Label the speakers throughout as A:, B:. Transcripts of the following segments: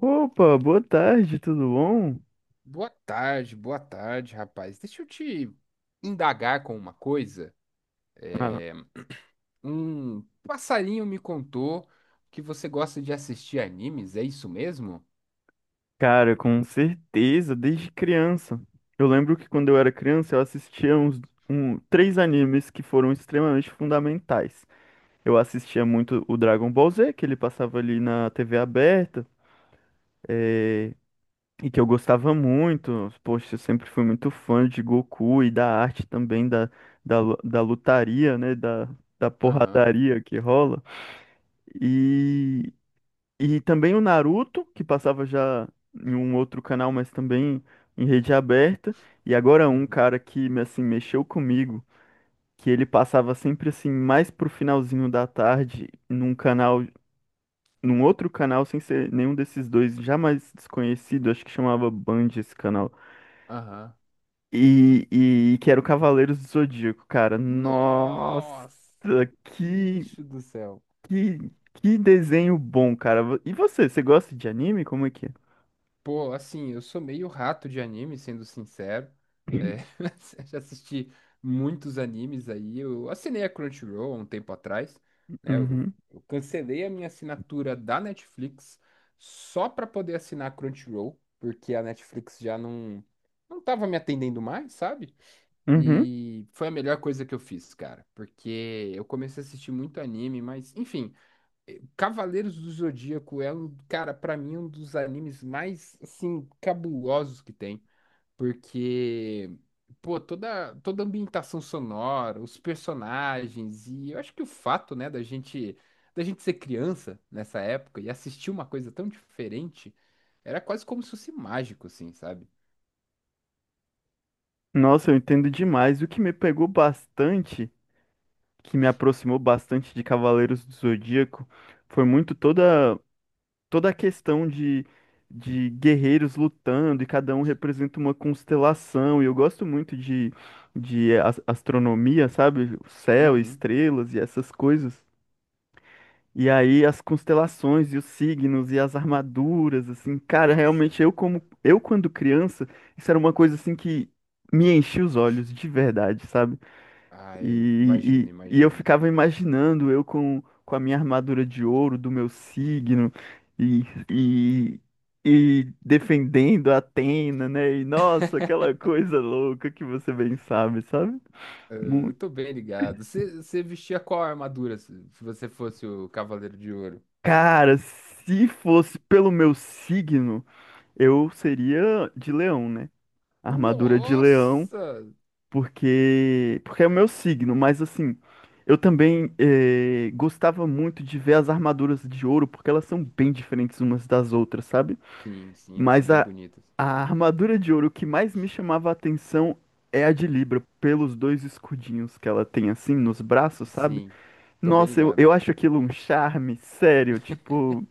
A: Opa, boa tarde, tudo bom?
B: Boa tarde, rapaz. Deixa eu te indagar com uma coisa.
A: Ah,
B: É, Um passarinho me contou que você gosta de assistir animes, é isso mesmo?
A: cara, com certeza, desde criança. Eu lembro que quando eu era criança, eu assistia três animes que foram extremamente fundamentais. Eu assistia muito o Dragon Ball Z, que ele passava ali na TV aberta, e que eu gostava muito. Poxa, eu sempre fui muito fã de Goku e da arte também, da lutaria, né? Da
B: Aham,
A: porradaria que rola. E também o Naruto, que passava já em um outro canal, mas também em rede aberta. E agora um
B: uhum,
A: cara que assim mexeu comigo, que ele passava sempre assim mais pro finalzinho da tarde num canal, num outro canal sem ser nenhum desses dois, jamais desconhecido, acho que chamava Band esse canal.
B: aham.
A: E, que era o Cavaleiros do Zodíaco, cara. Nossa,
B: Nossa,
A: que
B: bicho do céu.
A: que que desenho bom, cara. E você gosta de anime? Como é que é?
B: Pô, assim, eu sou meio rato de anime, sendo sincero. É, já assisti muitos animes aí. Eu assinei a Crunchyroll há um tempo atrás, né?
A: Uhum.
B: Eu cancelei a minha assinatura da Netflix só para poder assinar a Crunchyroll, porque a Netflix já não tava me atendendo mais, sabe?
A: Uhum.
B: E foi a melhor coisa que eu fiz, cara, porque eu comecei a assistir muito anime, mas enfim, Cavaleiros do Zodíaco é um, cara, pra mim, um dos animes mais, assim, cabulosos que tem. Porque, pô, toda a ambientação sonora, os personagens, e eu acho que o fato, né, da gente ser criança nessa época e assistir uma coisa tão diferente, era quase como se fosse mágico, assim, sabe?
A: Nossa, eu entendo demais. O que me pegou bastante, que me aproximou bastante de Cavaleiros do Zodíaco, foi muito toda a questão de guerreiros lutando, e cada um representa uma constelação. E eu gosto muito de astronomia, sabe? O céu,
B: Uhum.
A: estrelas e essas coisas. E aí as constelações e os signos e as armaduras, assim, cara, realmente
B: Nossa,
A: eu quando criança, isso era uma coisa assim que me enchia os olhos de verdade, sabe?
B: ai, imagina,
A: E eu
B: imagina.
A: ficava imaginando eu com a minha armadura de ouro do meu signo e, e, e defendendo a Atena, né? E nossa, aquela coisa louca que você bem sabe, sabe?
B: Eh,
A: Mu-
B: Eu tô bem ligado. Você vestia qual armadura se você fosse o Cavaleiro de Ouro?
A: Cara, se fosse pelo meu signo, eu seria de leão, né? Armadura de leão,
B: Nossa!
A: porque é o meu signo, mas assim, eu também gostava muito de ver as armaduras de ouro, porque elas são bem diferentes umas das outras, sabe?
B: Sim, sim, elas são
A: Mas
B: bem
A: a,
B: bonitas.
A: a armadura de ouro que mais me chamava a atenção é a de Libra, pelos dois escudinhos que ela tem assim nos braços, sabe?
B: Sim, tô bem
A: Nossa,
B: ligado.
A: eu acho aquilo um charme, sério, tipo,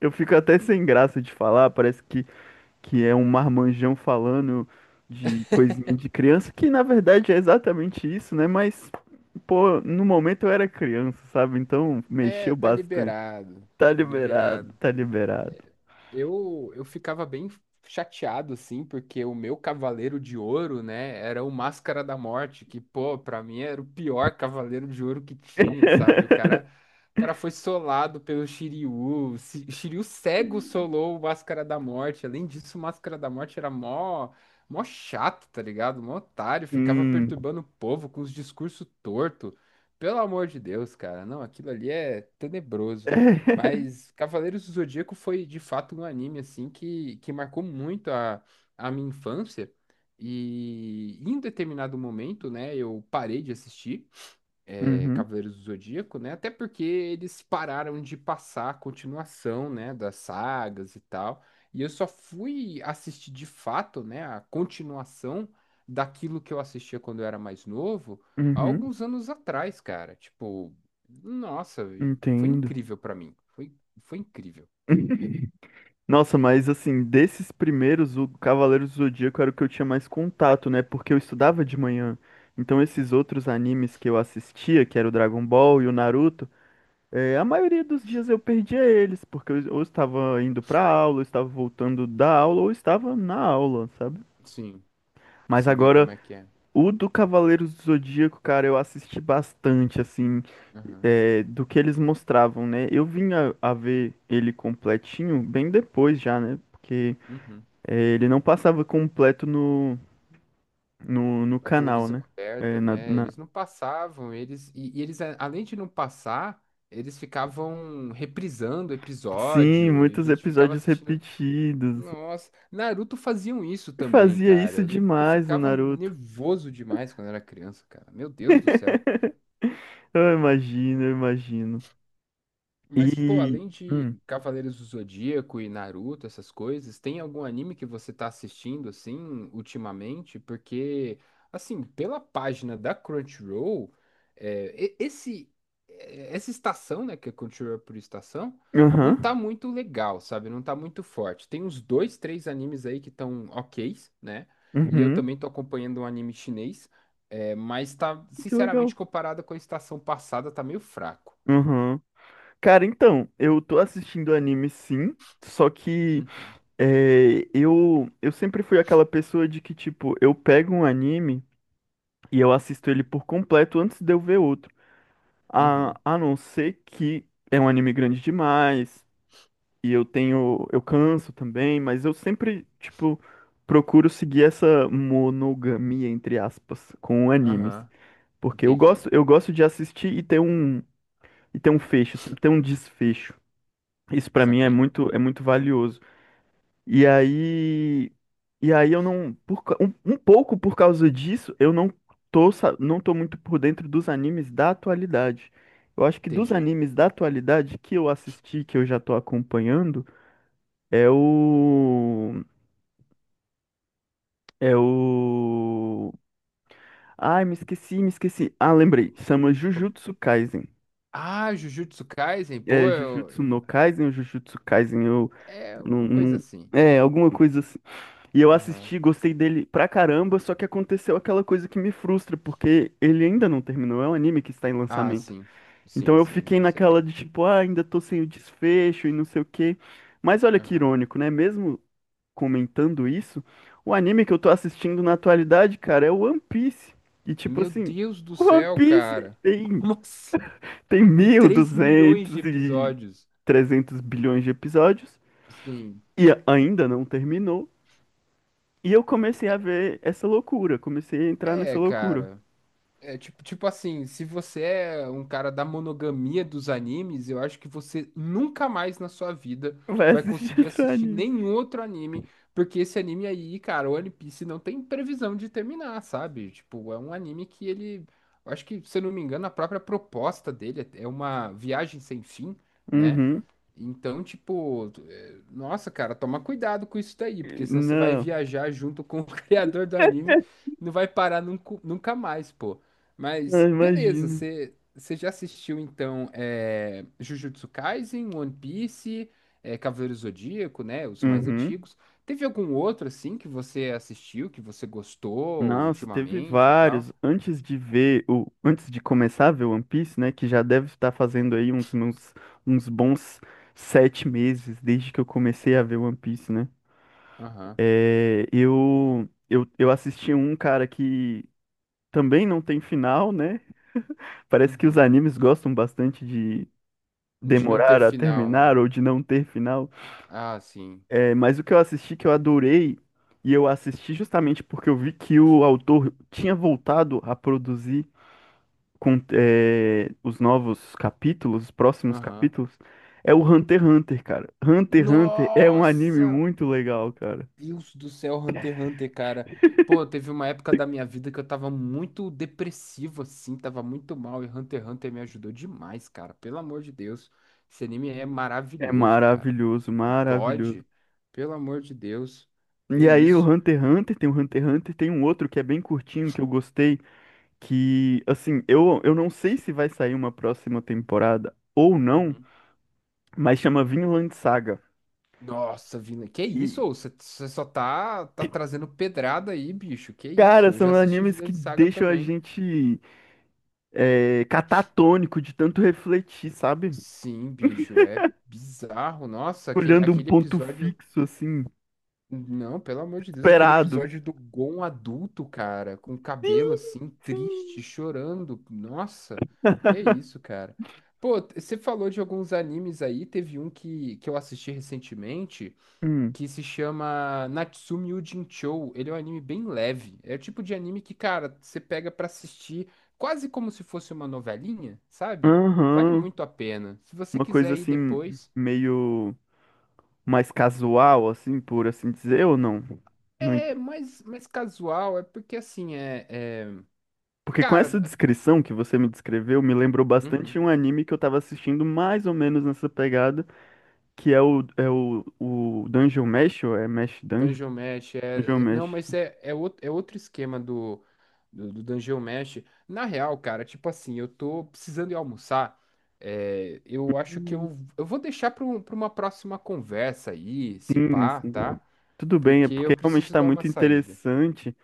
A: eu fico até sem graça de falar, parece que é um marmanjão falando de coisinha de criança, que na verdade é exatamente isso, né? Mas, pô, no momento eu era criança, sabe? Então
B: É,
A: mexeu
B: tá
A: bastante.
B: liberado.
A: Tá
B: Tá
A: liberado,
B: liberado.
A: tá liberado.
B: Eu ficava bem chateado, assim, porque o meu Cavaleiro de Ouro, né, era o Máscara da Morte, que, pô, pra mim era o pior Cavaleiro de Ouro que tinha, sabe? O cara foi solado pelo Shiryu, o Shiryu cego solou o Máscara da Morte. Além disso, o Máscara da Morte era mó chato, tá ligado? Mó otário, ficava
A: Hum.
B: perturbando o povo com os discursos tortos. Pelo amor de Deus, cara, não, aquilo ali é tenebroso. Mas Cavaleiros do Zodíaco foi de fato um anime assim que marcou muito a minha infância. E em determinado momento, né, eu parei de assistir
A: Uhum,
B: Cavaleiros do Zodíaco, né? Até porque eles pararam de passar a continuação, né, das sagas e tal. E eu só fui assistir de fato, né, a continuação daquilo que eu assistia quando eu era mais novo, há
A: uhum,
B: alguns anos atrás, cara. Tipo, nossa, foi
A: entendo.
B: incrível pra mim. Foi incrível.
A: Nossa, mas assim, desses primeiros, o Cavaleiro do Zodíaco era o que eu tinha mais contato, né? Porque eu estudava de manhã. Então esses outros animes que eu assistia, que era o Dragon Ball e o Naruto, é, a maioria dos dias eu perdia eles, porque eu ou estava indo para aula, ou estava voltando da aula, ou estava na aula, sabe?
B: Sim, não
A: Mas
B: sei bem
A: agora,
B: como é que é.
A: o do Cavaleiros do Zodíaco, cara, eu assisti bastante, assim,
B: Aham.
A: é, do que eles mostravam, né? Eu vim a ver ele completinho bem depois já, né? Porque
B: Uhum.
A: é, ele não passava completo no
B: Na
A: canal,
B: televisão
A: né? É,
B: aberta, né?
A: na-
B: Eles não passavam, e eles além de não passar, eles ficavam reprisando
A: Sim,
B: episódio e a
A: muitos
B: gente ficava
A: episódios
B: assistindo.
A: repetidos.
B: Nossa, Naruto faziam isso
A: Eu
B: também,
A: fazia
B: cara.
A: isso
B: Eu lembro que eu
A: demais no
B: ficava
A: Naruto.
B: nervoso demais quando era criança, cara. Meu Deus do céu.
A: Eu imagino, eu imagino.
B: Mas, pô,
A: E.
B: além
A: Hum.
B: de Cavaleiros do Zodíaco e Naruto, essas coisas, tem algum anime que você tá assistindo, assim, ultimamente? Porque, assim, pela página da Crunchyroll, é, e- esse, essa estação, né, que é Crunchyroll por estação, não tá
A: Aham.
B: muito legal, sabe? Não tá muito forte. Tem uns dois, três animes aí que estão ok, né? E eu
A: Uhum.
B: também tô acompanhando um anime chinês, é, mas tá,
A: Que
B: sinceramente,
A: legal.
B: comparado com a estação passada, tá meio fraco.
A: Aham. Cara, então, eu tô assistindo anime sim. Só que
B: Uhum.
A: é, eu sempre fui aquela pessoa de que, tipo, eu pego um anime e eu assisto ele por completo antes de eu ver outro.
B: Uhum.
A: A não ser que é um anime grande demais. E eu tenho, eu canso também, mas eu sempre, tipo, procuro seguir essa monogamia, entre aspas, com animes.
B: Aham,
A: Porque
B: entendi.
A: eu gosto de assistir e ter um fecho, sempre ter um desfecho. Isso pra mim
B: Saquei.
A: é muito valioso. E aí, e aí eu não, um pouco por causa disso, eu não tô muito por dentro dos animes da atualidade. Eu acho que dos
B: Entendi.
A: animes da atualidade que eu assisti, que eu já tô acompanhando, é o. É o. Ai, me esqueci, me esqueci. Ah, lembrei. Chama
B: Como-
A: Jujutsu Kaisen.
B: ah, Jujutsu Kaisen, pô,
A: É,
B: eu-
A: Jujutsu no Kaisen ou Jujutsu Kaisen?
B: é
A: Eu não,
B: uma coisa
A: não-
B: assim.
A: É, alguma coisa assim. E eu
B: Aham.
A: assisti, gostei dele pra caramba, só que aconteceu aquela coisa que me frustra, porque ele ainda não terminou. É um anime que está em
B: Ah,
A: lançamento.
B: sim.
A: Então
B: Sim,
A: eu
B: sim,
A: fiquei
B: isso eu
A: naquela
B: tenho.
A: de tipo, ah, ainda tô sem o desfecho e não sei o quê. Mas olha que
B: Aham.
A: irônico, né? Mesmo comentando isso, o anime que eu tô assistindo na atualidade, cara, é o One Piece. E tipo
B: Meu
A: assim,
B: Deus do
A: o
B: céu, cara. Como assim?
A: Tem
B: Tem 3
A: 1.200
B: milhões de
A: e duzentos e
B: episódios.
A: trezentos bilhões de episódios
B: Sim.
A: e ainda não terminou. E eu comecei a
B: É,
A: ver essa loucura, comecei a entrar nessa
B: é,
A: loucura.
B: cara. É tipo, tipo assim, se você é um cara da monogamia dos animes, eu acho que você nunca mais na sua vida
A: Vai
B: vai
A: assistir
B: conseguir
A: outro
B: assistir
A: anime.
B: nenhum outro anime, porque esse anime aí, cara, o One Piece não tem previsão de terminar, sabe? Tipo, é um anime que ele, eu acho que, se eu não me engano, a própria proposta dele é uma viagem sem fim, né?
A: Uhum.
B: Então, tipo, é, nossa, cara, toma cuidado com isso daí, porque senão você vai
A: Não,
B: viajar junto com o criador do anime, não vai parar nunca mais, pô.
A: não
B: Mas beleza,
A: imagino.
B: você já assistiu então Jujutsu Kaisen, One Piece, é, Cavaleiro Zodíaco, né? Os mais
A: Uhum.
B: antigos. Teve algum outro assim que você assistiu, que você gostou
A: Nossa, teve
B: ultimamente e tal?
A: vários. Antes de ver, o, antes de começar a ver One Piece, né, que já deve estar fazendo aí uns bons 7 meses desde que eu comecei a ver One Piece, né?
B: Aham.
A: É, eu assisti um cara que também não tem final, né? Parece que os
B: Uhum.
A: animes gostam bastante de
B: De não ter
A: demorar a
B: final, né?
A: terminar ou de não ter final.
B: Ah, sim.
A: É, mas o que eu assisti que eu adorei, e eu assisti justamente porque eu vi que o autor tinha voltado a produzir, com os novos capítulos, os próximos
B: Aham.
A: capítulos, é o Hunter x Hunter, cara. Hunter x Hunter é um anime
B: Nossa!
A: muito legal, cara.
B: Deus do céu, Hunter x Hunter, cara. Pô, teve uma época da minha vida que eu tava muito depressivo, assim, tava muito mal, e Hunter x Hunter me ajudou demais, cara. Pelo amor de Deus. Esse anime é
A: É
B: maravilhoso, cara. Como
A: maravilhoso,
B: é que
A: maravilhoso.
B: pode? Pelo amor de Deus. Que
A: E aí o
B: isso?
A: Hunter x Hunter, tem o Hunter x Hunter, tem um outro que é bem curtinho, que eu gostei, que, assim, eu não sei se vai sair uma próxima temporada ou não,
B: Uhum.
A: mas chama Vinland Saga.
B: Nossa, Vina, que
A: E,
B: isso? Ô? Você só tá, tá trazendo pedrada aí, bicho. Que isso?
A: cara,
B: Eu já
A: são
B: assisti
A: animes que
B: Vinland Saga
A: deixam a
B: também.
A: gente catatônico de tanto refletir, sabe?
B: Sim, bicho, é bizarro. Nossa,
A: Olhando um
B: aquele
A: ponto
B: episódio.
A: fixo, assim,
B: Não, pelo amor de Deus, aquele
A: esperado.
B: episódio do Gon adulto, cara, com o cabelo
A: Sim,
B: assim,
A: sim.
B: triste, chorando. Nossa, que é isso, cara. Pô, você falou de alguns animes aí, teve um que eu assisti recentemente,
A: Hum.
B: que se chama Natsume Yuujinchou. Ele é um anime bem leve. É o tipo de anime que, cara, você pega pra assistir quase como se fosse uma novelinha, sabe? Vale
A: Aham.
B: muito a pena. Se você
A: Uma coisa
B: quiser ir
A: assim,
B: depois.
A: meio mais casual, assim, por assim dizer, ou não? Não en-
B: É mais casual, é porque assim,
A: Porque com
B: cara,
A: essa descrição que você me descreveu, me lembrou bastante
B: uhum.
A: um anime que eu tava assistindo mais ou menos nessa pegada, que é o Dungeon Mesh, ou é Mesh Dungeon?
B: Dungeon Mesh
A: Dungeon
B: é. É, não,
A: Mesh.
B: mas é outro, é outro esquema do Dungeon Mesh. Na real, cara, tipo assim, eu tô precisando ir almoçar. É, eu acho que
A: Hum.
B: eu vou deixar pra uma próxima conversa aí, se
A: Sim,
B: pá,
A: sim.
B: tá?
A: Tudo bem, é
B: Porque eu
A: porque realmente
B: preciso
A: tá
B: dar uma
A: muito
B: saída.
A: interessante.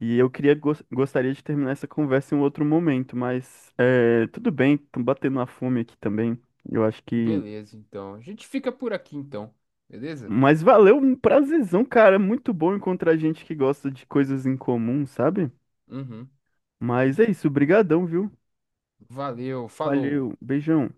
A: E eu queria gostaria de terminar essa conversa em um outro momento, mas é, tudo bem, tô batendo uma fome aqui também. Eu acho que.
B: Beleza, então. A gente fica por aqui, então. Beleza?
A: Mas valeu, um prazerzão, cara. Muito bom encontrar gente que gosta de coisas em comum, sabe?
B: Uhum.
A: Mas é isso, brigadão, viu?
B: Valeu, falou.
A: Valeu, beijão.